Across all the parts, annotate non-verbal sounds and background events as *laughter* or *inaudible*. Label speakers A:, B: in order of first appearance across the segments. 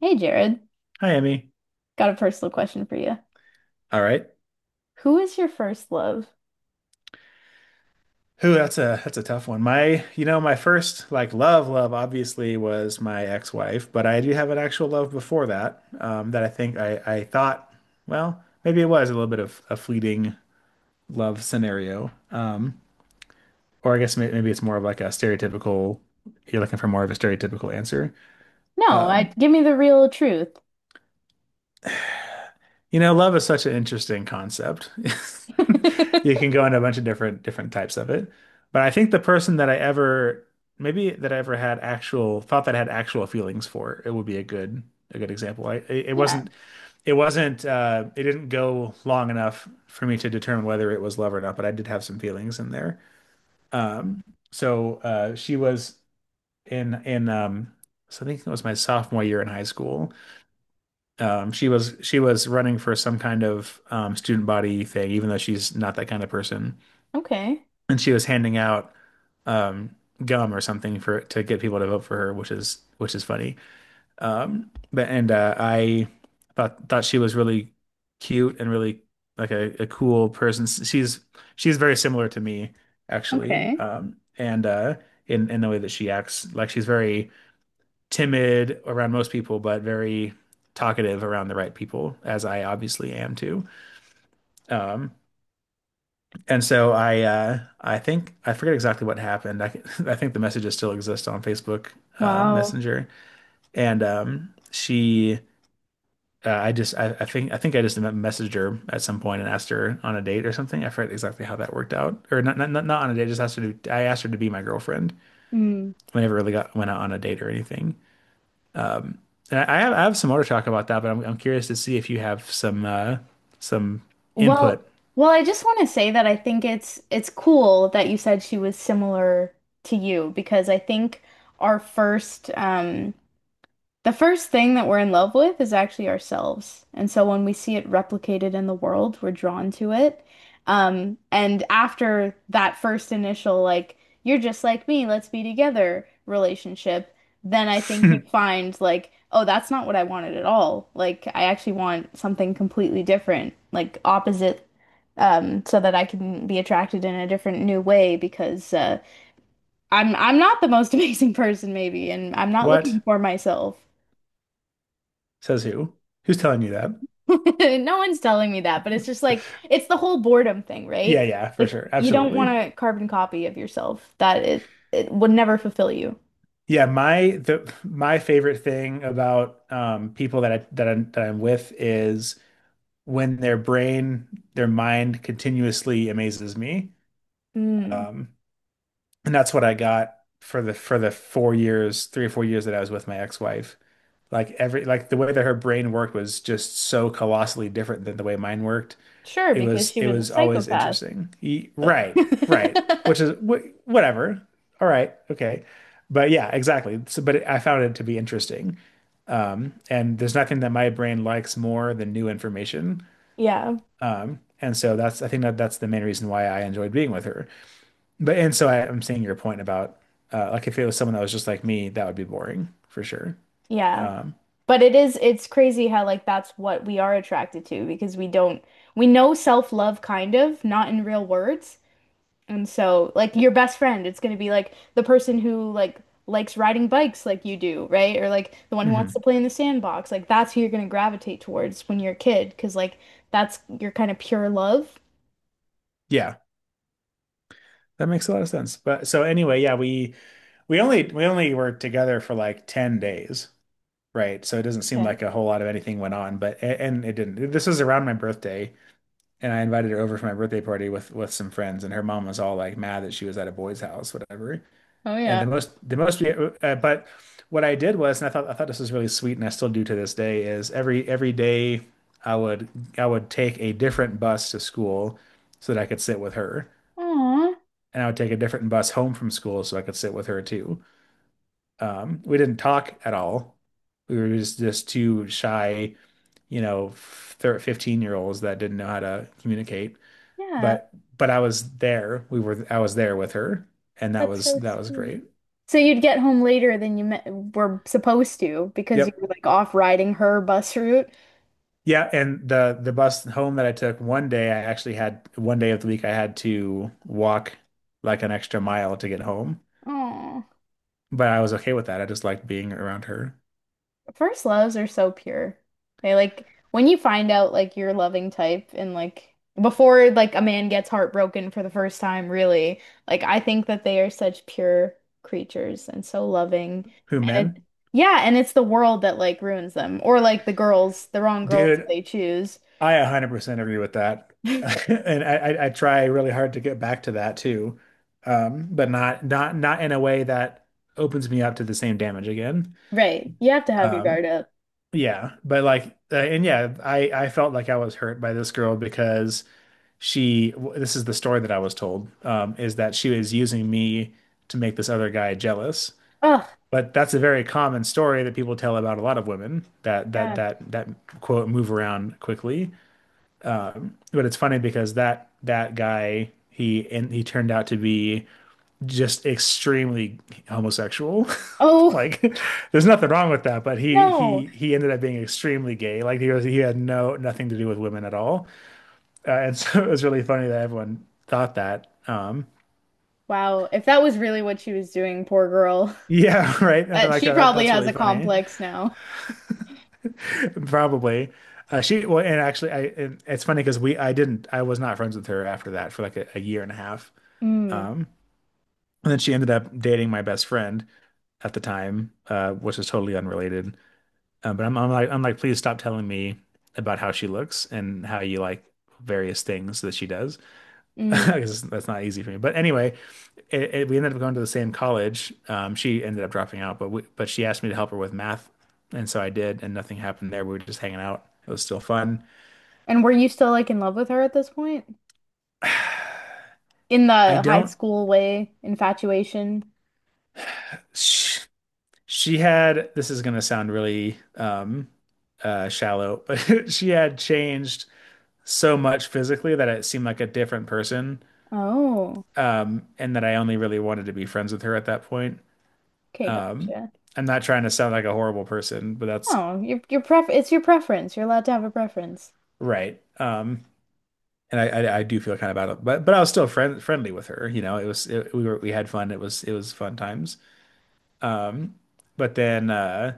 A: Hey Jared,
B: Hi, Emmy.
A: got a personal question for you.
B: All right.
A: Who is your first love?
B: Who, that's a tough one. My first love, love obviously was my ex-wife, but I do have an actual love before that. That I think I thought, well, maybe it was a little bit of a fleeting love scenario. Or I guess maybe it's more of a stereotypical. You're looking for more of a stereotypical answer.
A: No, I
B: Um,
A: give me the real truth.
B: You know, love is such an interesting concept. *laughs* You can
A: *laughs*
B: go into a bunch of different types of it. But I think the person that I ever maybe that I ever had actual thought that I had actual feelings for, it would be a good example. I it it
A: Yeah,
B: wasn't it wasn't it didn't go long enough for me to determine whether it was love or not, but I did have some feelings in there. Um she was in, I think it was my sophomore year in high school. She was running for some kind of student body thing, even though she's not that kind of person.
A: okay.
B: And she was handing out um, gum or something for to get people to vote for her, which is funny. But and I thought thought she was really cute and really a cool person. She's very similar to me actually,
A: Okay.
B: and in the way that she acts. Like, she's very timid around most people, but very talkative around the right people, as I obviously am too. Um, and so I think I forget exactly what happened. I, *laughs* I think the messages still exist on Facebook
A: Wow.
B: Messenger, and she. I just, I think I just messaged her at some point and asked her on a date or something. I forget exactly how that worked out. Or not on a date. Just asked her I asked her to be my girlfriend.
A: Hmm.
B: We never really got went out on a date or anything. And I have some more to talk about that, but I'm curious to see if you have some
A: Well,
B: input.
A: I just want to say that I think it's cool that you said she was similar to you because I think our first The first thing that we're in love with is actually ourselves. And so when we see it replicated in the world, we're drawn to it. And after that first initial, like, you're just like me, let's be together relationship, then I think you
B: *laughs*
A: find, like, oh, that's not what I wanted at all. Like, I actually want something completely different, like opposite, so that I can be attracted in a different new way because I'm not the most *laughs* amazing person, maybe, and I'm not looking
B: What?
A: for myself.
B: Says who? Who's telling you that?
A: *laughs* No one's telling me that, but it's just like it's the whole boredom thing,
B: Yeah,
A: right?
B: yeah, for
A: Like
B: sure.
A: you don't want
B: Absolutely.
A: a carbon copy of yourself that it would never fulfill you.
B: My favorite thing about people that I that I'm with is when their mind continuously amazes me.
A: Mm,
B: Um, and that's what I got for 3 or 4 years that I was with my ex-wife. Like, every like the way that her brain worked was just so colossally different than the way mine worked.
A: sure,
B: It
A: because
B: was
A: she was a
B: always
A: psychopath,
B: interesting.
A: but
B: Right, right. Which
A: *laughs*
B: is wh Whatever. All right. Okay. But yeah, exactly. But I found it to be interesting. And there's nothing that my brain likes more than new information.
A: yeah,
B: And so that's I think that that's the main reason why I enjoyed being with her. But and so I, I'm seeing your point about like, if it was someone that was just like me, that would be boring for sure.
A: yeah.
B: Um,
A: But it is it's crazy how like that's what we are attracted to because we don't we know self-love kind of, not in real words. And so, like your best friend, it's going to be like the person who like likes riding bikes like you do, right? Or like the one who wants to
B: mhm.
A: play in the sandbox. Like that's who you're going to gravitate towards when you're a kid, because like that's your kind of pure love.
B: Yeah. That makes a lot of sense. But so anyway, yeah, we only were together for like 10 days, right? So it doesn't seem
A: Okay.
B: like a whole lot of anything went on, but a- and it didn't. This was around my birthday, and I invited her over for my birthday party with some friends, and her mom was all like mad that she was at a boy's house, whatever.
A: Oh
B: And
A: yeah.
B: the most we, but what I did was, and I thought this was really sweet, and I still do to this day, is every day I would I would take a different bus to school so that I could sit with her,
A: Aw,
B: and I would take a different bus home from school so I could sit with her too. We didn't talk at all. We were just two shy, you know, 15-year-olds that didn't know how to communicate.
A: yeah,
B: But I was there. We were I was there with her, and that
A: that's
B: was
A: so sweet.
B: great.
A: So you'd get home later than you me were supposed to because you
B: Yep.
A: were like off riding her bus route.
B: Yeah, and the bus home that I took one day, I actually had one day of the week I had to walk like an extra mile to get home,
A: Aw.
B: but I was okay with that. I just liked being around her.
A: First loves are so pure. They like when you find out like your loving type and like before like a man gets heartbroken for the first time, really, like I think that they are such pure creatures and so loving.
B: Who,
A: And it
B: men?
A: Yeah, and it's the world that like ruins them or like the girls, the wrong girls that
B: Dude,
A: they choose.
B: I 100% agree with that. *laughs*
A: *laughs*
B: And I try really hard to get back to that too. But not in a way that opens me up to the same damage again.
A: Right. You have to have your
B: Um,
A: guard up.
B: yeah, but like and yeah, I felt like I was hurt by this girl because this is the story that I was told, is that she was using me to make this other guy jealous.
A: Oh,
B: But that's a very common story that people tell about a lot of women that that
A: yeah.
B: that that quote move around quickly. But it's funny because that guy, he turned out to be just extremely homosexual. *laughs*
A: Oh,
B: Like, there's nothing wrong with that, but
A: *laughs* no.
B: he ended up being extremely gay. Like, he was he had no nothing to do with women at all. And *laughs* so it was really funny that everyone thought that.
A: Wow. If that was really what she was doing, poor girl. *laughs*
B: Yeah, *laughs* right. And
A: She probably
B: that's
A: has
B: really
A: a
B: funny.
A: complex now.
B: *laughs* Probably. She well and actually I and it's funny because we I didn't I was not friends with her after that for like a year and a half.
A: Mm,
B: Um and then she ended up dating my best friend at the time, which is totally unrelated. But I'm like, please stop telling me about how she looks and how you like various things that she does. *laughs*
A: mm.
B: Because that's not easy for me. But anyway, we ended up going to the same college. She ended up dropping out, but she asked me to help her with math, and so I did, and nothing happened there. We were just hanging out. It was still fun.
A: And were you still like in love with her at this point? In
B: I
A: the high
B: don't.
A: school way, infatuation?
B: She, she had. This is gonna sound really shallow, but *laughs* she had changed so much physically that it seemed like a different person,
A: Oh,
B: and that I only really wanted to be friends with her at that point.
A: okay,
B: Um,
A: gotcha.
B: I'm not trying to sound like a horrible person, but that's
A: Oh, your pref it's your preference. You're allowed to have a preference.
B: right. I do feel kind of bad, but I was still friendly with her. You know, we were we had fun. It was fun times. But then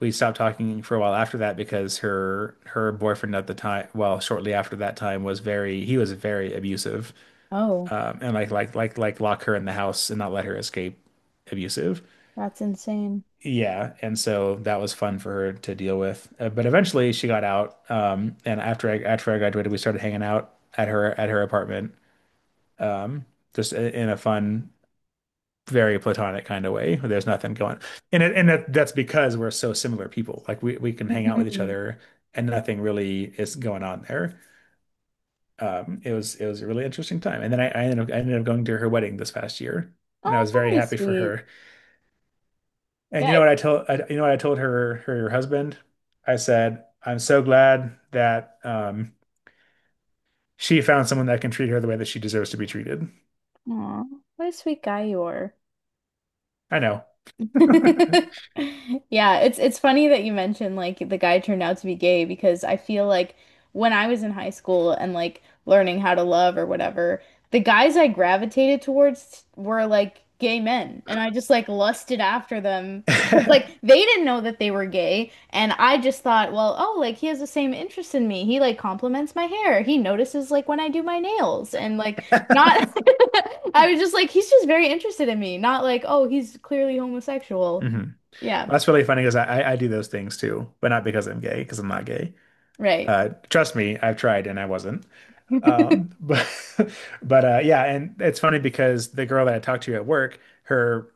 B: we stopped talking for a while after that because her boyfriend at the time, well, shortly after that time, was very abusive,
A: Oh,
B: and like lock her in the house and not let her escape abusive.
A: that's insane.
B: Yeah, and so that was fun for her to deal with. But eventually she got out. And after I graduated, we started hanging out at her apartment. Um, in a fun, very platonic kind of way. There's nothing going. And that's because we're so similar people. Like, we can hang out with each
A: Mhm.
B: other and nothing really is going on there. It was it was a really interesting time. And then I ended up going to her wedding this past year, and I
A: Oh,
B: was very
A: very
B: happy for
A: sweet.
B: her. And
A: Yeah.
B: you know what I told you know what I told her husband? I said, I'm so glad that she found someone that can treat her the way that she deserves to be treated.
A: Aw, what a sweet guy you are.
B: I know.
A: *laughs*
B: *laughs*
A: Yeah, it's funny that you mentioned like the guy turned out to be gay because I feel like when I was in high school and like learning how to love or whatever, the guys I gravitated towards were like gay men and I just like lusted after them because like they didn't know that they were gay and I just thought, well, oh, like he has the same interest in me. He like compliments my hair. He notices like when I do my nails and like not, *laughs* I was just like, he's just very interested in me. Not like, oh, he's clearly
B: Hmm.
A: homosexual.
B: Well,
A: Yeah,
B: that's really funny because, I, I do those things too, but not because I'm gay, because I'm not gay.
A: right.
B: Trust me, I've tried and I wasn't.
A: *laughs*
B: But *laughs* but yeah, and it's funny because the girl that I talked to at work, her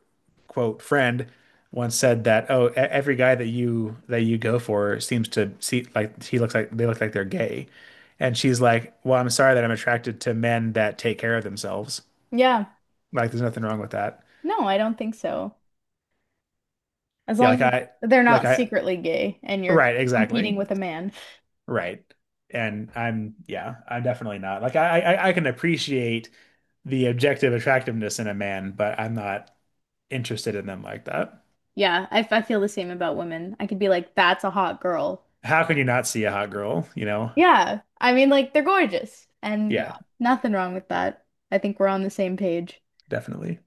B: quote friend once said that, oh, every guy that you go for seems to see like he looks like they look like they're gay. And she's like, well, I'm sorry that I'm attracted to men that take care of themselves.
A: Yeah,
B: Like, there's nothing wrong with that.
A: no, I don't think so. As
B: Yeah,
A: long as they're
B: like
A: not
B: I
A: secretly gay and you're
B: Right,
A: competing
B: exactly.
A: with a man.
B: Right. And I'm Yeah, I'm definitely not. Like I can appreciate the objective attractiveness in a man, but I'm not interested in them like that.
A: Yeah, I feel the same about women. I could be like, that's a hot girl.
B: How
A: But
B: can you not see a hot girl, you know?
A: yeah, I mean, like, they're gorgeous. And yeah,
B: Yeah,
A: nothing wrong with that. I think we're on the same page.
B: definitely.